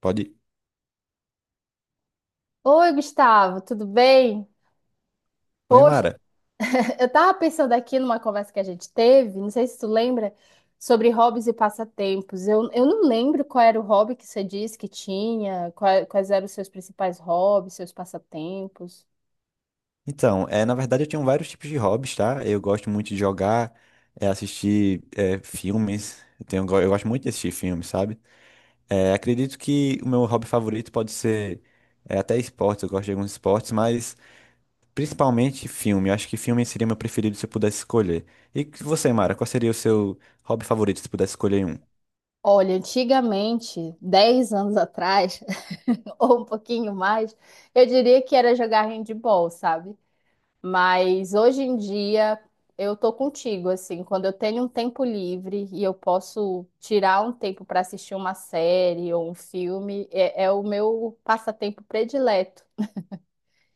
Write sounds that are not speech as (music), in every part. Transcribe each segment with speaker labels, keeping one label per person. Speaker 1: Pode. Ir.
Speaker 2: Oi, Gustavo, tudo bem?
Speaker 1: Oi,
Speaker 2: Poxa,
Speaker 1: Mara.
Speaker 2: (laughs) eu tava pensando aqui numa conversa que a gente teve, não sei se tu lembra, sobre hobbies e passatempos. Eu não lembro qual era o hobby que você disse que tinha, quais eram os seus principais hobbies, seus passatempos.
Speaker 1: Então, na verdade eu tenho vários tipos de hobbies, tá? Eu gosto muito de jogar, assistir filmes. Eu gosto muito de assistir filmes, sabe? Acredito que o meu hobby favorito pode ser até esportes, eu gosto de alguns esportes, mas principalmente filme. Eu acho que filme seria meu preferido se eu pudesse escolher. E você, Mara, qual seria o seu hobby favorito se pudesse escolher um?
Speaker 2: Olha, antigamente, 10 anos atrás, (laughs) ou um pouquinho mais, eu diria que era jogar handball, sabe? Mas hoje em dia eu tô contigo, assim, quando eu tenho um tempo livre e eu posso tirar um tempo para assistir uma série ou um filme, é o meu passatempo predileto.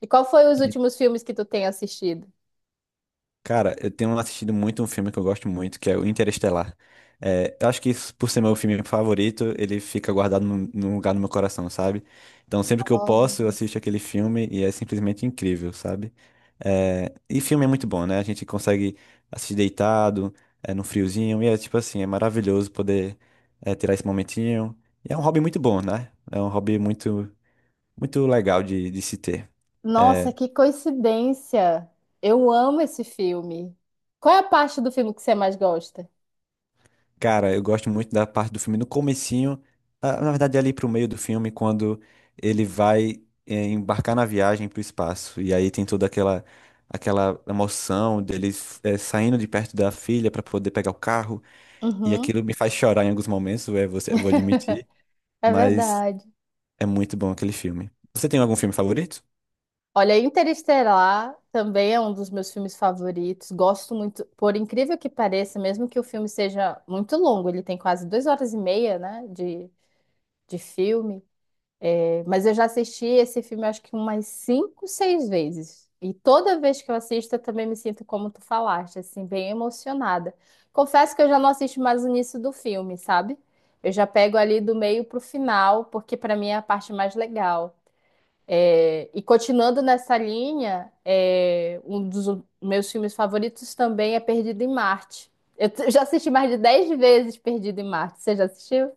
Speaker 2: E qual foi os últimos filmes que tu tem assistido?
Speaker 1: Cara, eu tenho assistido muito um filme que eu gosto muito, que é o Interestelar. É, eu acho que isso, por ser meu filme favorito, ele fica guardado num lugar no meu coração, sabe? Então, sempre que eu posso, eu
Speaker 2: Nossa.
Speaker 1: assisto aquele filme e é simplesmente incrível, sabe? É, e filme é muito bom, né? A gente consegue assistir deitado, no friozinho, e é tipo assim, é maravilhoso poder, tirar esse momentinho. E é um hobby muito bom, né? É um hobby muito, muito legal de se ter.
Speaker 2: Nossa,
Speaker 1: É,
Speaker 2: que coincidência! Eu amo esse filme. Qual é a parte do filme que você mais gosta?
Speaker 1: cara, eu gosto muito da parte do filme no comecinho, ah, na verdade ali pro meio do filme, quando ele vai embarcar na viagem pro espaço. E aí tem toda aquela emoção dele saindo de perto da filha para poder pegar o carro. E
Speaker 2: Uhum,
Speaker 1: aquilo me faz chorar em alguns momentos, é, você, eu vou admitir,
Speaker 2: é
Speaker 1: mas
Speaker 2: verdade.
Speaker 1: é muito bom aquele filme. Você tem algum filme favorito?
Speaker 2: Olha, Interestelar também é um dos meus filmes favoritos. Gosto muito, por incrível que pareça, mesmo que o filme seja muito longo, ele tem quase 2 horas e meia, né, de filme. É, mas eu já assisti esse filme acho que umas 5, 6 vezes. E toda vez que eu assisto, eu também me sinto como tu falaste, assim, bem emocionada. Confesso que eu já não assisto mais o início do filme, sabe? Eu já pego ali do meio pro final, porque para mim é a parte mais legal. E continuando nessa linha, um dos meus filmes favoritos também é Perdido em Marte. (laughs) Já assisti mais de 10 vezes Perdido em Marte. Você já assistiu?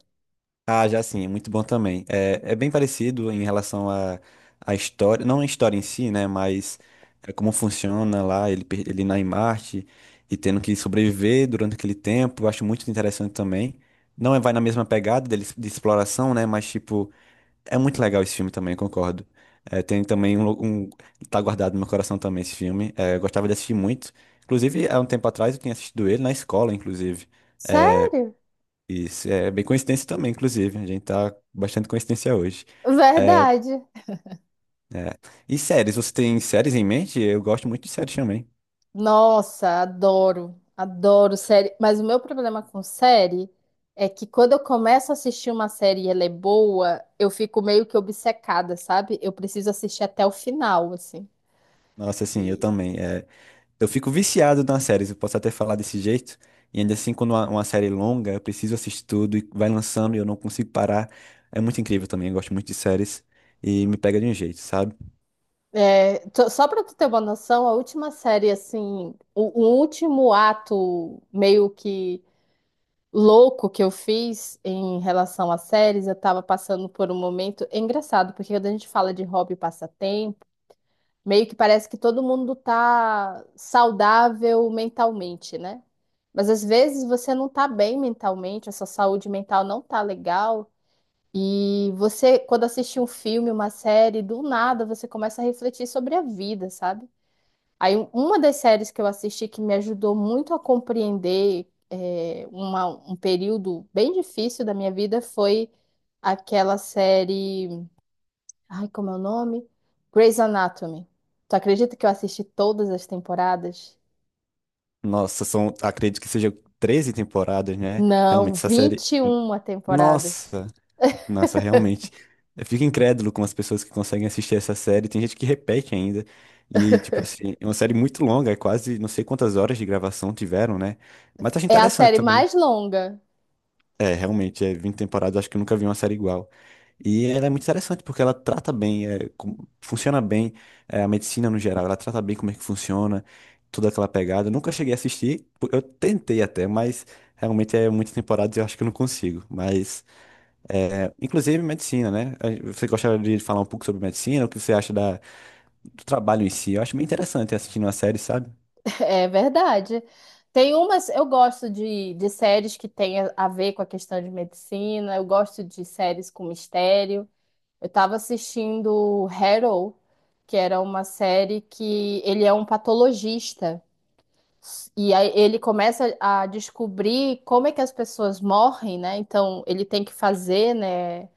Speaker 1: Ah, já sim, é muito bom também. É, é bem parecido em relação à à história, não a história em si, né? Mas é como funciona lá, ele, ele na em Marte e tendo que sobreviver durante aquele tempo. Eu acho muito interessante também. Não é, vai na mesma pegada dele, de exploração, né? Mas, tipo, é muito legal esse filme também, eu concordo. É, tem também um. Tá guardado no meu coração também esse filme. É, eu gostava de assistir muito. Inclusive, há um tempo atrás eu tinha assistido ele na escola, inclusive. É,
Speaker 2: Sério?
Speaker 1: isso é bem coincidência também, inclusive. A gente tá bastante coincidência hoje. É,
Speaker 2: Verdade.
Speaker 1: é. E séries, você tem séries em mente? Eu gosto muito de séries também.
Speaker 2: Nossa, adoro. Adoro série. Mas o meu problema com série é que quando eu começo a assistir uma série e ela é boa, eu fico meio que obcecada, sabe? Eu preciso assistir até o final, assim.
Speaker 1: Nossa, assim, eu também. É, eu fico viciado nas séries, eu posso até falar desse jeito. E ainda assim, quando uma série é longa, eu preciso assistir tudo e vai lançando e eu não consigo parar. É muito incrível também, eu gosto muito de séries e me pega de um jeito, sabe?
Speaker 2: Só para tu ter uma noção, a última série, assim, o último ato meio que louco que eu fiz em relação a séries, eu tava passando por um momento é engraçado, porque quando a gente fala de hobby e passatempo, meio que parece que todo mundo tá saudável mentalmente, né? Mas às vezes você não tá bem mentalmente, a sua saúde mental não tá legal. E você, quando assiste um filme, uma série, do nada você começa a refletir sobre a vida, sabe? Uma das séries que eu assisti que me ajudou muito a compreender um período bem difícil da minha vida foi aquela série, ai, como é o nome? Grey's Anatomy. Tu acredita que eu assisti todas as temporadas?
Speaker 1: Nossa, são, acredito que sejam 13 temporadas, né? Realmente,
Speaker 2: Não,
Speaker 1: essa série.
Speaker 2: 21 temporadas.
Speaker 1: Nossa! Nossa, realmente. Eu fico incrédulo com as pessoas que conseguem assistir essa série. Tem gente que repete ainda. E, tipo assim, é uma série muito longa, é quase não sei quantas horas de gravação tiveram, né? Mas acho
Speaker 2: É a
Speaker 1: interessante
Speaker 2: série
Speaker 1: também.
Speaker 2: mais longa,
Speaker 1: É, realmente, é 20 temporadas, acho que eu nunca vi uma série igual. E ela é muito interessante porque ela trata bem, funciona bem, a medicina no geral, ela trata bem como é que funciona, toda aquela pegada. Eu nunca cheguei a assistir, eu tentei até, mas realmente é muitas temporadas e eu acho que eu não consigo. Mas. É, inclusive medicina, né? A- você gostaria de falar um pouco sobre medicina, o que você acha do trabalho em si? Eu acho bem interessante assistir uma série, sabe?
Speaker 2: (laughs) é verdade. Tem umas, eu gosto de séries que têm a ver com a questão de medicina, eu gosto de séries com mistério. Eu tava assistindo Harrow, que era uma série que ele é um patologista. E aí ele começa a descobrir como é que as pessoas morrem, né? Então ele tem que fazer, né?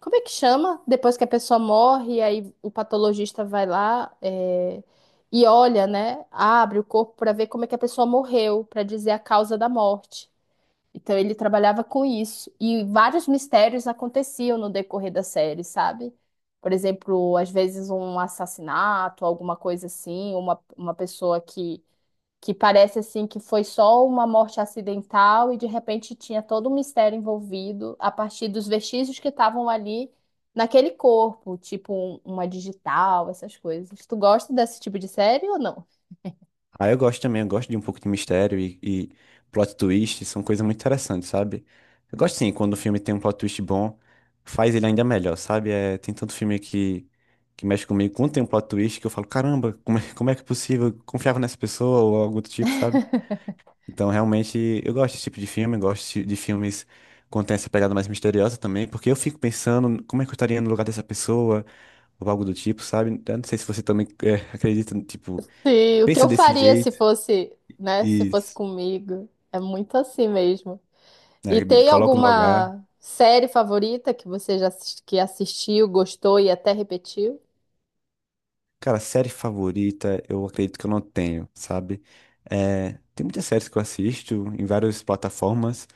Speaker 2: Como é que chama? Depois que a pessoa morre, aí o patologista vai lá, e olha, né? Abre o corpo para ver como é que a pessoa morreu, para dizer a causa da morte. Então ele trabalhava com isso. E vários mistérios aconteciam no decorrer da série, sabe? Por exemplo, às vezes um assassinato, alguma coisa assim, uma pessoa que parece assim que foi só uma morte acidental e de repente tinha todo um mistério envolvido a partir dos vestígios que estavam ali naquele corpo, tipo uma digital, essas coisas. Tu gosta desse tipo de série ou não?
Speaker 1: Aí eu gosto também, eu gosto de um pouco de mistério e plot twist, são coisas muito interessantes, sabe? Eu gosto sim, quando o filme tem um plot twist bom, faz ele ainda melhor, sabe? É, tem tanto filme que mexe comigo, quando tem um plot twist que eu falo, caramba, como é que é possível? Eu confiava nessa pessoa ou algo do tipo, sabe? Então, realmente, eu gosto desse tipo de filme, gosto de filmes quando tem essa pegada mais misteriosa também, porque eu fico pensando como é que eu estaria no lugar dessa pessoa, ou algo do tipo, sabe? Eu não sei se você também (laughs) acredita, tipo,
Speaker 2: Sim, o que
Speaker 1: pensa
Speaker 2: eu
Speaker 1: desse
Speaker 2: faria se
Speaker 1: jeito
Speaker 2: fosse, né, se
Speaker 1: e
Speaker 2: fosse comigo? É muito assim mesmo. E
Speaker 1: né, me
Speaker 2: tem
Speaker 1: coloca no lugar.
Speaker 2: alguma série favorita que você já que assistiu, gostou e até repetiu?
Speaker 1: Cara, série favorita, eu acredito que eu não tenho, sabe? É, tem muitas séries que eu assisto em várias plataformas,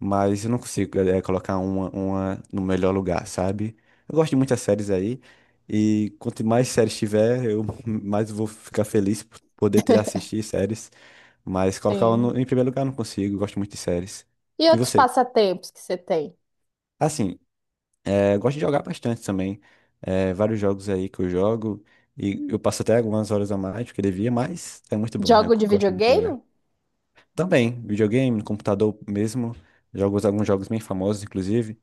Speaker 1: mas eu não consigo, colocar uma no melhor lugar, sabe? Eu gosto de muitas séries aí, e quanto mais séries tiver, eu (laughs) mais vou ficar feliz por poder ter, assistir séries, mas colocar uma
Speaker 2: Sim.
Speaker 1: em primeiro lugar eu não consigo, eu gosto muito de séries.
Speaker 2: E
Speaker 1: E
Speaker 2: outros
Speaker 1: você?
Speaker 2: passatempos que você tem?
Speaker 1: Assim, é, gosto de jogar bastante também. É, vários jogos aí que eu jogo. E eu passo até algumas horas a mais do que devia, mas é muito bom. Eu
Speaker 2: Jogo de
Speaker 1: gosto muito de jogar.
Speaker 2: videogame?
Speaker 1: Também, videogame, no computador mesmo. Jogo alguns jogos bem famosos, inclusive.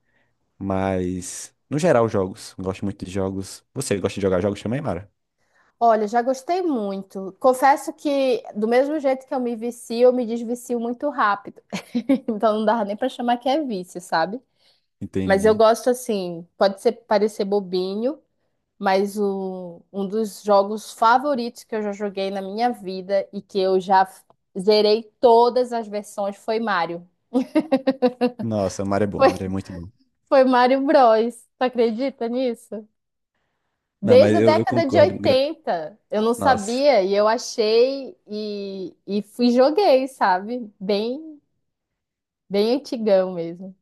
Speaker 1: Mas, no geral, jogos. Gosto muito de jogos. Você gosta de jogar jogos também, Mara?
Speaker 2: Olha, já gostei muito. Confesso que do mesmo jeito que eu me vicio, eu me desvicio muito rápido. (laughs) Então não dava nem pra chamar que é vício, sabe? Mas eu
Speaker 1: Entendi.
Speaker 2: gosto assim, pode ser parecer bobinho, mas um dos jogos favoritos que eu já joguei na minha vida e que eu já zerei todas as versões foi Mario. (laughs)
Speaker 1: Nossa, Mara é bom.
Speaker 2: Foi,
Speaker 1: Mara é muito bom.
Speaker 2: foi Mario Bros. Tu acredita nisso?
Speaker 1: Não,
Speaker 2: Desde
Speaker 1: mas
Speaker 2: a
Speaker 1: eu
Speaker 2: década de
Speaker 1: concordo. Gra-.
Speaker 2: 80 eu não
Speaker 1: Nossa.
Speaker 2: sabia e eu achei e fui e joguei, sabe? Bem, bem antigão mesmo.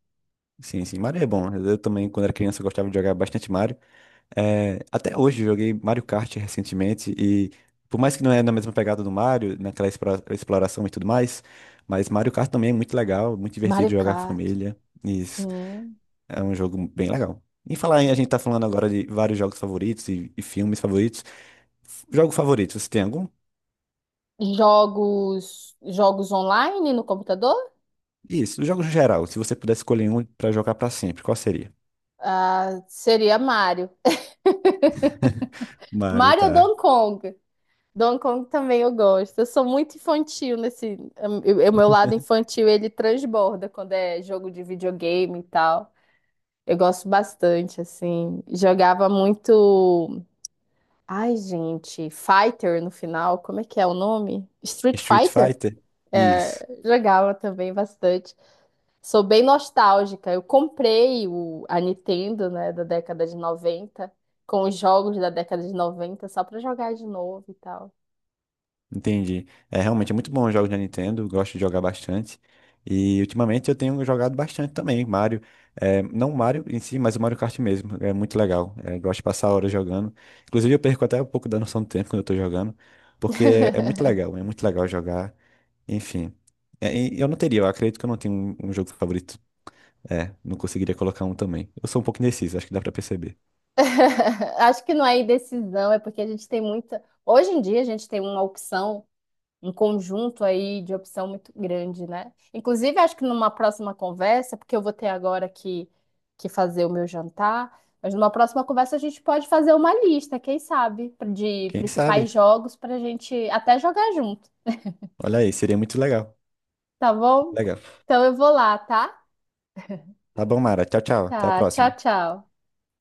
Speaker 1: Sim, sim. Mario é bom. Eu também, quando era criança, eu gostava de jogar bastante Mario. É, até hoje eu joguei Mario Kart recentemente e por mais que não é na mesma pegada do Mario, naquela exploração e tudo mais, mas Mario Kart também é muito legal, muito divertido
Speaker 2: Mario
Speaker 1: jogar com a
Speaker 2: Kart,
Speaker 1: família. Isso
Speaker 2: sim.
Speaker 1: é um jogo bem legal. Em falar em, a gente tá falando agora de vários jogos favoritos e filmes favoritos. F- jogo favorito, você tem algum?
Speaker 2: Jogos, jogos online no computador?
Speaker 1: Isso, os jogos em geral, se você pudesse escolher um pra jogar pra sempre, qual seria?
Speaker 2: Ah, seria Mario. (laughs)
Speaker 1: Mario,
Speaker 2: Mario ou
Speaker 1: tá.
Speaker 2: Donkey Kong. Donkey Kong também eu gosto. Eu sou muito infantil nesse. O meu lado infantil ele transborda quando é jogo de videogame e tal. Eu gosto bastante, assim. Jogava muito. Ai, gente, Fighter no final, como é que é o nome? Street
Speaker 1: Street
Speaker 2: Fighter?
Speaker 1: Fighter?
Speaker 2: É,
Speaker 1: Isso.
Speaker 2: jogava também bastante. Sou bem nostálgica. Eu comprei a Nintendo, né, da década de 90 com os jogos da década de 90 só pra jogar de novo e tal.
Speaker 1: Entendi. É realmente é muito bom os jogos da Nintendo, gosto de jogar bastante. E ultimamente eu tenho jogado bastante também, Mario. É, não o Mario em si, mas o Mario Kart mesmo. É muito legal. É, gosto de passar horas jogando. Inclusive eu perco até um pouco da noção do tempo quando eu tô jogando, porque
Speaker 2: (laughs)
Speaker 1: é muito legal jogar. Enfim. É, e eu não teria, eu acredito que eu não tenho um jogo favorito. É, não conseguiria colocar um também. Eu sou um pouco indeciso, acho que dá pra perceber.
Speaker 2: (laughs) Acho que não é indecisão, é porque a gente tem muita. Hoje em dia a gente tem uma opção, um conjunto aí de opção muito grande, né? Inclusive, acho que numa próxima conversa, porque eu vou ter agora que fazer o meu jantar, mas numa próxima conversa a gente pode fazer uma lista, quem sabe, de
Speaker 1: Quem sabe?
Speaker 2: principais jogos para a gente até jogar junto,
Speaker 1: Olha aí, seria muito legal.
Speaker 2: tá bom?
Speaker 1: Legal.
Speaker 2: Então eu vou lá, tá?
Speaker 1: Tá bom, Mara. Tchau, tchau. Até a
Speaker 2: Tá, tchau,
Speaker 1: próxima.
Speaker 2: tchau.